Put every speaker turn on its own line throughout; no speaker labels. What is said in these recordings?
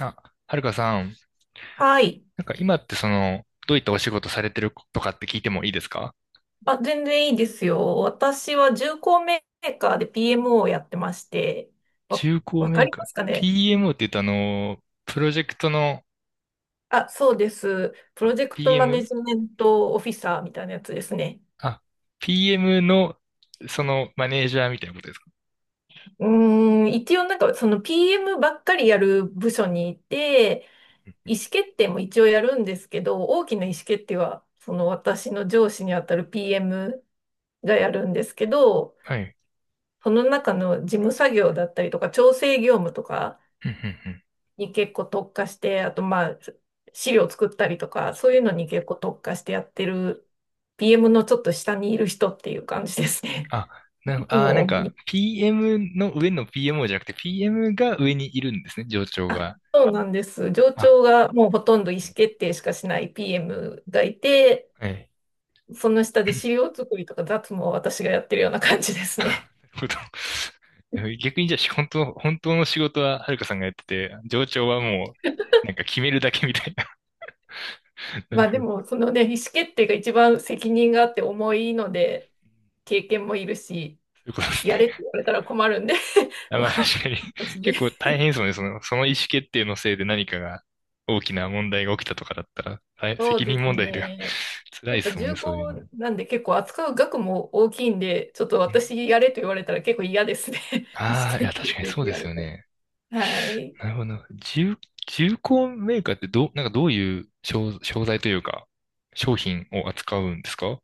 あ、はるかさん、
はい。
今ってどういったお仕事されてるとかって聞いてもいいですか？
あ、全然いいですよ。私は重工メーカーで p m をやってまして、わ、
中古
わ
メ
か
ー
り
カ
ま
ー。
すかね。
PMO って言うとプロジェクトの？
あ、そうです。プロジェクトマネ
PM?
ジメントオフィサーみたいなやつですね。
あ、PM の、そのマネージャーみたいなことですか？
一応なんかその PM ばっかりやる部署にいて、意思決定も一応やるんですけど、大きな意思決定はその私の上司にあたる PM がやるんですけど、
はい。
その中の事務作業だったりとか調整業務とか、
うんうんうん。
に結構特化して、あとまあ、資料作ったりとか、そういうのに結構特化してやってる PM のちょっと下にいる人っていう感じですね。
あ、
い
な、
つ
あー、
も
なん
主
か
に。
PM の上の PMO じゃなくて PM が上にいるんですね、上長
あ、
が。
そうなんです。上
あ、
長がもうほとんど意思決定しかしない PM がいて、
はい。
その下で資料作りとか雑務を私がやってるような感じですね。
うどん 逆にじゃあ、本当の、本当の仕事ははるかさんがやってて、上長はもう、決めるだけみたいな。なる
まあ
ほ
で
ど。そ
も、そのね、意思決定が一番責任があって重いので、経験もいるし、
ういうことです
やれって
ね。
言われたら困るんで、
あ、ま
ま
あ
あ、
確かに。
私 に。
結構大変ですもんね。その意思決定のせいで何かが、大きな問題が起きたとかだったら、大
そう
責
で
任
す
問題では
ね。
辛い
や
で
っぱ
すもん
重
ね、
厚
そういうのも。
なんで結構扱う額も大きいんで、ちょっと私やれと言われたら結構嫌ですね。意思
ああ、い
決
や、
定
確
や
かに
れって
そうで
言わ
す
れ
よ
た
ね。
ら。はい。
なるほど。重、重工メーカーってどう、どういう商材というか、商品を扱うんですか？うん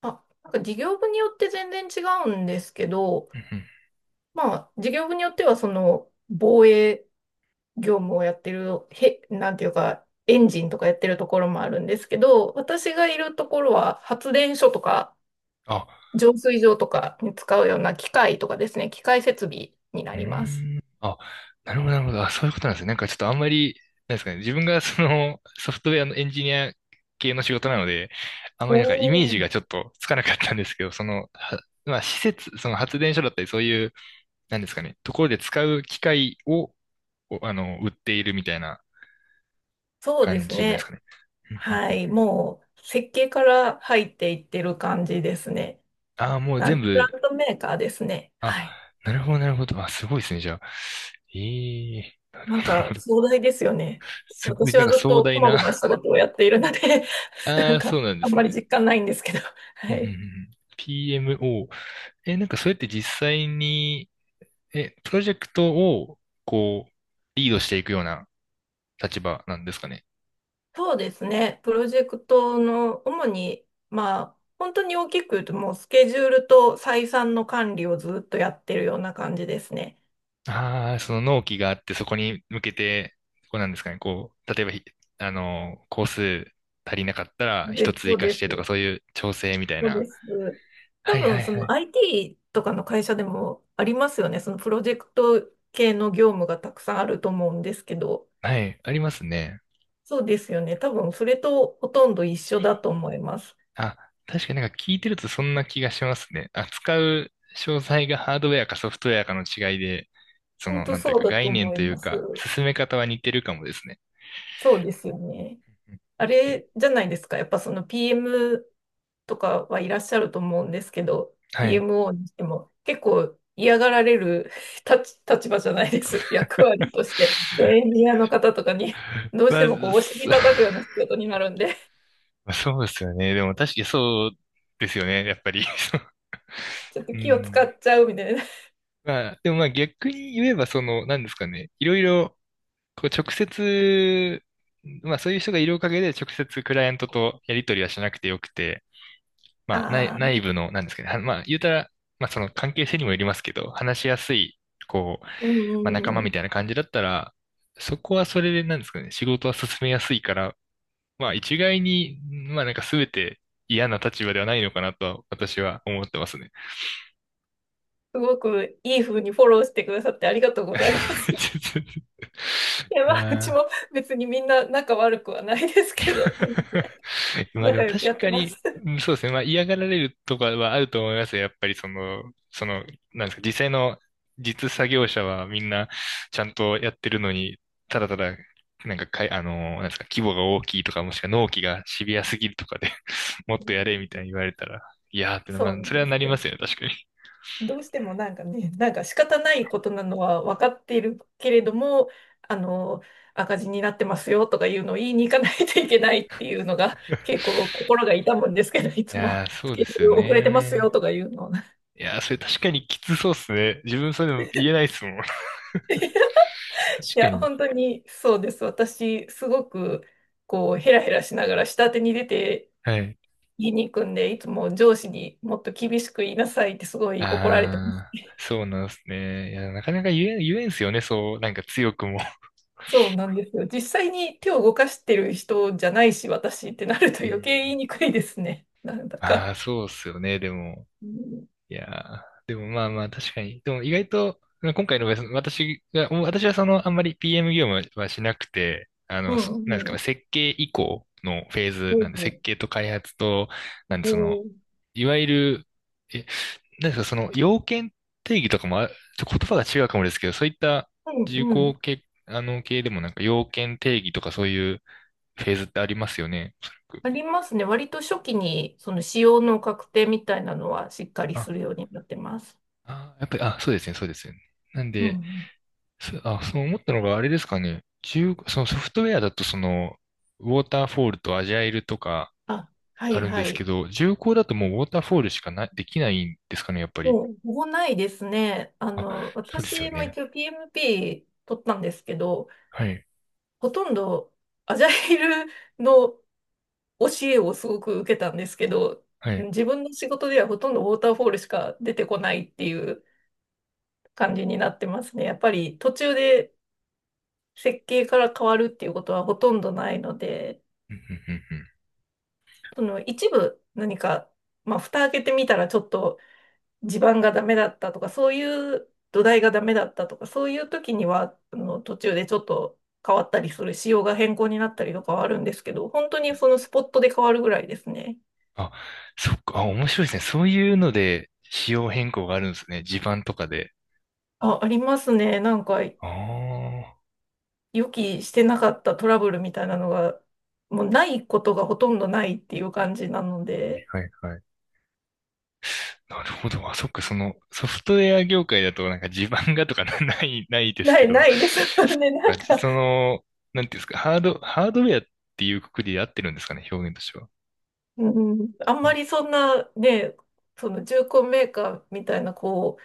あ、なんか事業部によって全然違うんですけど、
うん。
まあ事業部によってはその防衛業務をやってる、へ、なんていうか、エンジンとかやってるところもあるんですけど、私がいるところは発電所とか
あ、
浄水場とかに使うような機械とかですね、機械設備にな
う
ります。
ーん。あ、なるほど、なるほど。あ、そういうことなんですね。ちょっとあんまり、なんですかね。自分がそのソフトウェアのエンジニア系の仕事なので、あんま
お
りイメー
お、
ジがちょっとつかなかったんですけど、はまあ施設、その発電所だったりそういう、なんですかね、ところで使う機械を、あの、売っているみたいな
そうで
感
す
じなんですか
ね。
ね。うんうん
はい。
うん、
もう、設計から入っていってる感じですね。
ああ、もう全
プラ
部、
ントメーカーですね。
あ、
はい。
なるほど、なるほど。あ、すごいですね、じゃあ。ええ、なる
な
ほ
ん
ど、なるほ
か、
ど。
壮大ですよね。
すごい、
私はずっ
壮
とこ
大
ま
な。
ごました ことをやっているので、な
あ
ん
あ、そ
か、
うなんで
あん
す
まり
ね。
実感ないんですけど。
う
は
んうんうんう
い。
ん、 PMO。え、それって実際に、え、プロジェクトを、こう、リードしていくような立場なんですかね？
そうですね。プロジェクトの、主に、まあ、本当に大きく言うと、もう、スケジュールと採算の管理をずっとやってるような感じですね。
ああ、その納期があって、そこに向けて、こうなんですかね、こう、例えばひ、あの、工数足りなかったら、一
で、
つ
そ
追
う
加し
で
てとか、
す。
そういう調整みたい
そうで
な。
す。多
はいは
分、
い
そ
は
の
い。
IT とかの会社でもありますよね。そのプロジェクト系の業務がたくさんあると思うんですけど、
はい、ありますね。
そうですよね。多分、それとほとんど一緒だと思います。
あ、確かに聞いてるとそんな気がしますね。扱う詳細がハードウェアかソフトウェアかの違いで、そ
本
の、
当
なんていう
そう
か
だと
概念
思い
という
ま
か、
す。
進め方は似てるかもですね。
そうですよね。
うん、
あ
え、
れじゃないですか。やっぱその PM とかはいらっしゃると思うんですけど、
はい。
PMO にしても結構嫌がられる 立場じゃないです。役割として。そうエ ンジニアの方とかにどうし
ま
て
あ、
もこうお尻
そ
叩くような仕 事になるんで、
まあそうですよね。でも確かにそうですよね。やっぱり。
ちょっと
う
気を使
ん。
っちゃうみたいな。
まあ、でもまあ逆に言えば、その、なんですかね。いろいろ、こう直接、まあそういう人がいるおかげで直接クライアントとやり取りはしなくてよくて、
ああ、
内部の、なんですかね、はまあ、言うたら、まあ、その関係性にもよりますけど、話しやすい、こう、
うんう
まあ、仲間
んう
み
ん。
たいな感じだったら、そこはそれで、なんですかね、仕事は進めやすいから、まあ、一概に、まあ、全て嫌な立場ではないのかなと、私は思ってますね。
すごくいい風にフォローしてくださってありがとうございます。い や、
い
まあ、う
や
ちも
ー。
別にみんな仲悪くはないですけど、全然
まあで
仲
も
良くや
確
って
か
ま
に、
す。
うん、そうですね。まあ嫌がられるとかはあると思いますよ。やっぱりその、その、なんですか、実際の実作業者はみんなちゃんとやってるのに、ただただ、なんかかい、あの、なんですか、規模が大きいとか、もしくは納期がシビアすぎるとかで もっ
う
とやれみ
ん、
たいに言われたら、いやーって、ま
そ
あ、
うな
そ
ん
れは
で
な
す
り
よ
ま
ね。
すよね、確かに。い
どうしてもなんかね、なんか仕方ないことなのは分かっているけれども、あの、赤字になってますよとかいうのを言いに行かないといけないっていうのが結構心が痛むんですけど、いつも
やー、そ
ス
うで
ケジュ
す
ー
よ
ル遅れてますよ
ね。
とかいうのを。
いやー、それ確かにきつそうっすね。自分それでも言えないっすもん。確
い
か
や、
に。
本当にそうです。私、すごく、こう、ヘラヘラしながら下手に出て
はい。
言いに行くんで、いつも上司にもっと厳しく言いなさいってすごい怒られてます。
ああ、そうなんですね。いや、なかなか言えんすよね、そう、強くも。
そうなんですよ。実際に手を動かしてる人じゃないし、私ってなると
う
余
ん。
計言いにくいですね。なん だ
あ
か。
あ、そうっすよね、でも。
うん、
いやー、でもまあまあ確かに。でも意外と、今回の場合その私はそのあんまり PM 業務はしなくて、
う
なんですか
ん、う
ね、
ん、
設計以降のフェーズ
う
なんで、設
ん、
計と開発と、なんで
う
その、
ん。う
いわゆる、え、なんですか、その要件定義とかも言葉が違うかもですけど、そういった重
ん、
工系、あの系でも要件定義とかそういうフェーズってありますよね、おそらく。
ありますね。割と初期に、その使用の確定みたいなのはしっかり
あ、
するようになってます。
あ、やっぱり、あ、そうですね、そうですよね。なん
う
で、
ん。
すあ、そう思ったのがあれですかね。そのソフトウェアだとその、ウォーターフォールとアジャイルとか
あ、は
あ
い
るんで
は
すけ
い。
ど、重工だともうウォーターフォールしかな、できないんですかね、やっぱり。
もう、ほぼないですね。あ
あ、
の、
そうですよ
私も
ね。
一応 PMP 取ったんですけど、
はい、
ほとんどアジャイルの教えをすごく受けたんですけど、
はい。
自分の仕事ではほとんどウォーターフォールしか出てこないっていう感じになってますね。やっぱり途中で設計から変わるっていうことはほとんどないので、
うんうんうんうん。
その一部何か、まあ、蓋開けてみたらちょっと地盤がダメだったとか、そういう土台がダメだったとか、そういう時には、あの途中でちょっと変わったりする、仕様が変更になったりとかはあるんですけど、本当にそのスポットで変わるぐらいですね。
あ、そっか、あ、面白いですね。そういうので仕様変更があるんですね。地盤とかで。
あ、ありますね。なんか、
ああ、は
予期してなかったトラブルみたいなのが、もうないことがほとんどないっていう感じなの
い
で、
はいはい。なるほど。あ、そっか、そのソフトウェア業界だと地盤がとかな、 ない、ないです
な
け
い
ど、
ないですよ
そ っ
ね。なん
か、
か、
その、なんていうんですか、ハードウェアっていうくくりで合ってるんですかね、表現としては。
うん、あん
う
ま
ん、
りそんなね、その重工メーカーみたいな、こ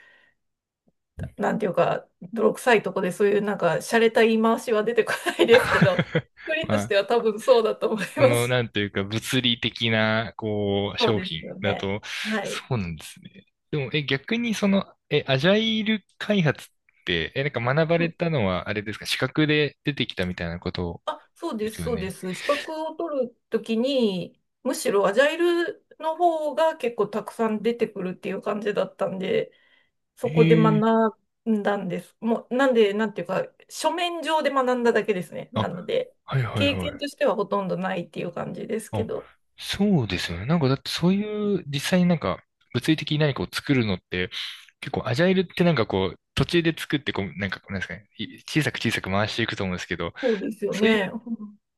う、なんていうか、泥臭いとこでそういうなんか、洒落た言い回しは出てこないですけど、一人
ま
とし
あ、
ては多分そうだと思い
そ
ま
の、
す。
なんというか、物理的な、こう、
そう
商
です
品
よ
だ
ね。
と、
はい。
そうなんですね。でも、え、逆にその、え、アジャイル開発って、え、学ばれたのは、あれですか、資格で出てきたみたいなこと
あ、そう
で
です、
すよ
そうで
ね。
す。資格を取るときに、むしろアジャイルの方が結構たくさん出てくるっていう感じだったんで、そこで
ええ、
学んだんです。もう、なんで、なんていうか、書面上で学んだだけですね。
あ、
なので、
はいはい
経
は
験
い。
としてはほとんどないっていう感じですけ
あ、
ど。
そうですよね。だってそういう実際に物理的に何かを作るのって結構アジャイルって途中で作ってこうなんですかね、小さく小さく回していくと思うんですけど、
そうですよ
そういう
ね。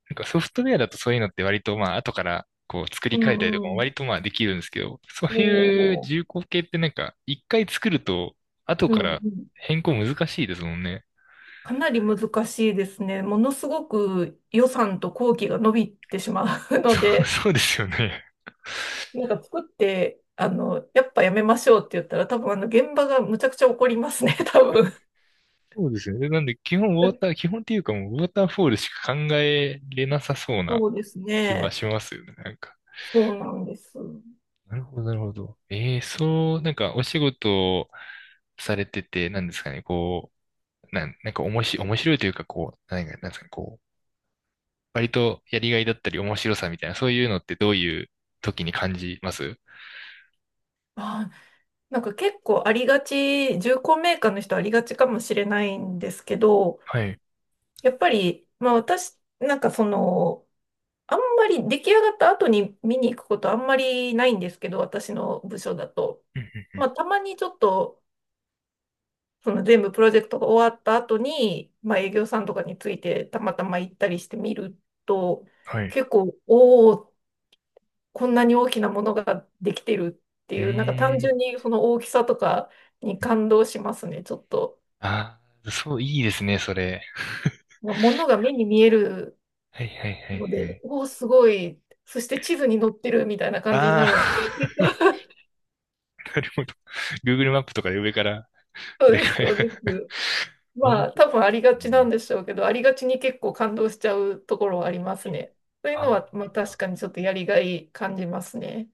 ソフトウェアだとそういうのって割とまあ後からこう作り
う
変えたりとか
ん、
も
うん。
割とまあできるんですけど、そう
お
いう重
ー、
工系って一回作ると後
う
か
んう
ら
ん。
変更難しいですもんね。
かなり難しいですね。ものすごく予算と工期が伸びてしまう
そ
の
う、
で、
そうですよね。
なんか作って、あの、やっぱやめましょうって言ったら、多分あの、現場がむちゃくちゃ怒りますね、多分。
そうですね。で、なんで、基本ウォー ター、基本っていうかもうウォーターフォールしか考えれなさそうな
そうです
気は
ね。
しますよね。なんか。
そうなんです。
なるほど、なるほど。ええ、そう、お仕事をされてて、なんですかね、こう、なんか面白い、面白いというか、こう、なんか、なんですかね、こう、割とやりがいだったり面白さみたいな、そういうのってどういう時に感じます？
まあ、なんか結構ありがち、重工メーカーの人ありがちかもしれないんですけど、
はい。
やっぱり、まあ私、なんかその、あんまり出来上がった後に見に行くことあんまりないんですけど、私の部署だと。
うんうん、
まあたまにちょっと、その全部プロジェクトが終わった後に、まあ、営業さんとかについてたまたま行ったりしてみると、
はい。
結構、おお、こんなに大きなものができてるって
う
いう、なんか
ー
単
ん。
純にその大きさとかに感動しますね、ちょっと。
ああ、そう、いいですね、それ。
まあ、ものが目に見える
はいはいはい
ので、
はい。
おお、すごい。そして地図に載ってるみたいな感じにな
あ
るので、結
あ。
構
なるほど。Google マップとかで上から、
そう
上
です、
からや
そうです。
る。な
ま
る
あ、
ほ
多
ど
分ありがちな
ね、
んでしょうけど、ありがちに結構感動しちゃうところはありますね。そういう
あ
のは、まあ、確かにちょっとやりがい感じますね。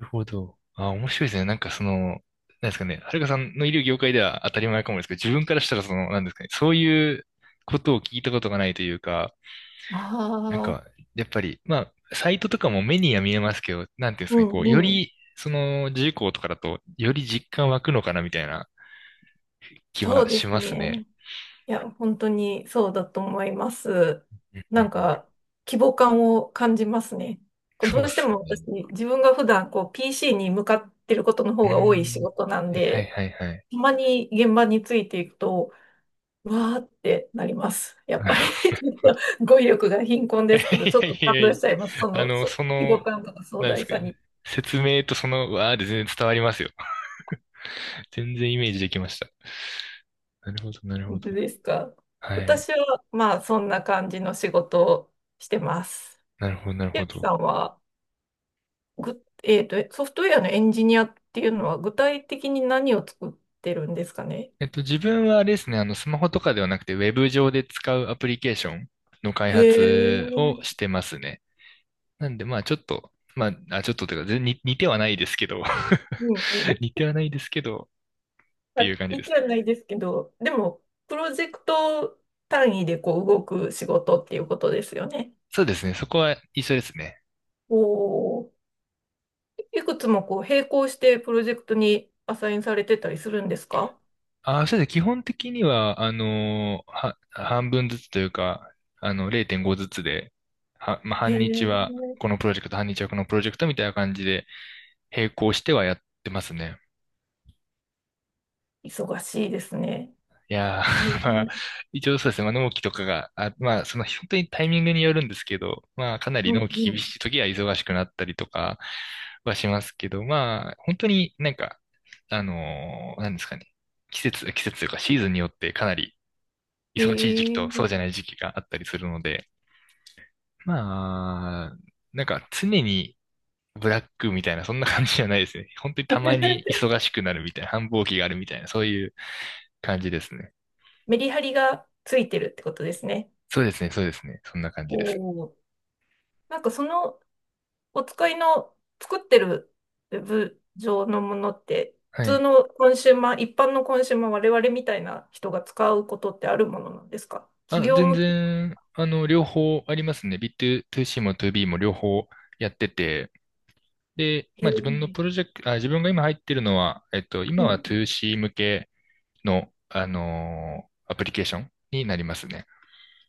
ー、なるほど。あー、面白いですね。その、なんですかね、はるかさんのいる業界では当たり前かもですけど、自分からしたらその、なんですかね、そういうことを聞いたことがないというか、なん
あ
か、
あ、
やっぱり、まあ、サイトとかも目には見えますけど、なんていうんです
う
かね、
ん
こう、よ
うん。
り、その、事項とかだと、より実感湧くのかな、みたいな気
そう
は
で
し
す
ます
ね。
ね。
いや、本当にそうだと思います。
うんう
なん
ん
か、規模感を感じますね。こう
そ
ど
うっ
うして
す
も私、
ね。
自分が普段こう PC に向かってることの
う
方
ー
が多い仕
ん。
事なん
はいはい
で、
はいはい。
たまに現場についていくと、わーってなります。やっ
なる
ぱり ち
ほ
ょっ
ど。
と 語彙力が貧困で
い
すけど、ちょっ
や
と
い
感
やい
動
や、
しちゃいます。そ
あ
の、
の、
そう、
そ
規模
の、
感とか壮
何で
大
すか
さに。
ね。説明とわーで全然伝わりますよ。全然イメージできました。なるほど、なるほ
本
ど。
当ですか。
はい。
私は、まあ、そんな感じの仕事をしてます。
なるほど、なる
ゆ
ほ
うきさ
ど。
んは、ぐ、えーと、ソフトウェアのエンジニアっていうのは、具体的に何を作ってるんですかね。
自分はあれですね、スマホとかではなくて、ウェブ上で使うアプリケーションの開
へ
発をし
ー、
てますね。なんで、まあ、ちょっと、まあ、ちょっとというか、全に似てはないですけど、
うんう ん。
似てはないですけど、っ
ま
てい
あ
う感じで
似
す。
てはないですけど、でも、プロジェクト単位でこう動く仕事っていうことですよね。
そうですね、そこは一緒ですね。
おお。いくつもこう並行してプロジェクトにアサインされてたりするんですか。
ああ、そうですね、基本的には、半分ずつというか、0.5ずつで、は、まあ、
へ
半日
え、
はこのプロジェクト、半日はこのプロジェクトみたいな感じで、並行してはやってますね。
忙しいですね。
いやー、
大
ま
変
あ、
だ。
一応そうですね。まあ、納期とかが、まあ、本当にタイミングによるんですけど、まあ、かなり
うん
納期
う
厳
ん。
しい時は忙しくなったりとかはしますけど、まあ、本当になんか、なんですかね。季節というかシーズンによってかなり忙しい時期
へえ。
とそうじゃない時期があったりするので、まあ、なんか常にブラックみたいな、そんな感じじゃないですね。本当にたまに 忙しくなるみたいな、繁忙期があるみたいな、そういう感じですね。
メリハリがついてるってことですね。
そうですね、そうですね。そんな感じです。
おお。なんかそのお使いの作ってるウェブ上のものって普
は
通
い。
のコンシューマー、一般のコンシューマー、我々みたいな人が使うことってあるものなんですか、企業
全
向け。
然、両方ありますね。ビー2 c も 2B も両方やってて、で、
へ
まあ自分の
え。
プロジェクト、自分が今入ってるのは、今
う
は
ん、
2C 向けの、アプリケーションになりますね。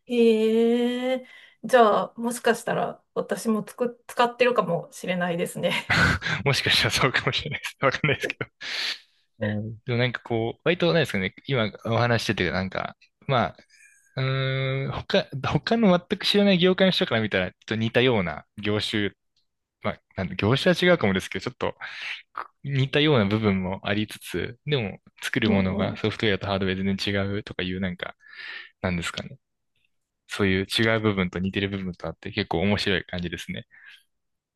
へえ。じゃあ、もしかしたら私もつく、使ってるかもしれないですね。
もしかしたらそうかもしれないです。わかんないですけど。はい。でもなんかこう、割となんですかね、今お話ししてて、なんか、まあ、うーん、他、他の全く知らない業界の人から見たら、ちょっと似たような業種、まあ、なん業種は違うかもですけど、ちょっと似たような部分もありつつ、でも作 る
う
も
ん
の
う
が
ん。
ソフトウェアとハードウェア全然違うとかいう、なんか、なんですかね。そういう違う部分と似てる部分とあって、結構面白い感じですね。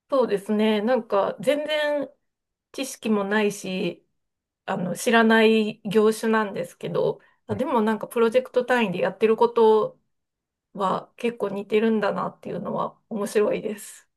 そうですね。なんか全然知識もないし、あの、知らない業種なんですけど、あ、でもなんかプロジェクト単位でやってることは結構似てるんだなっていうのは面白いです。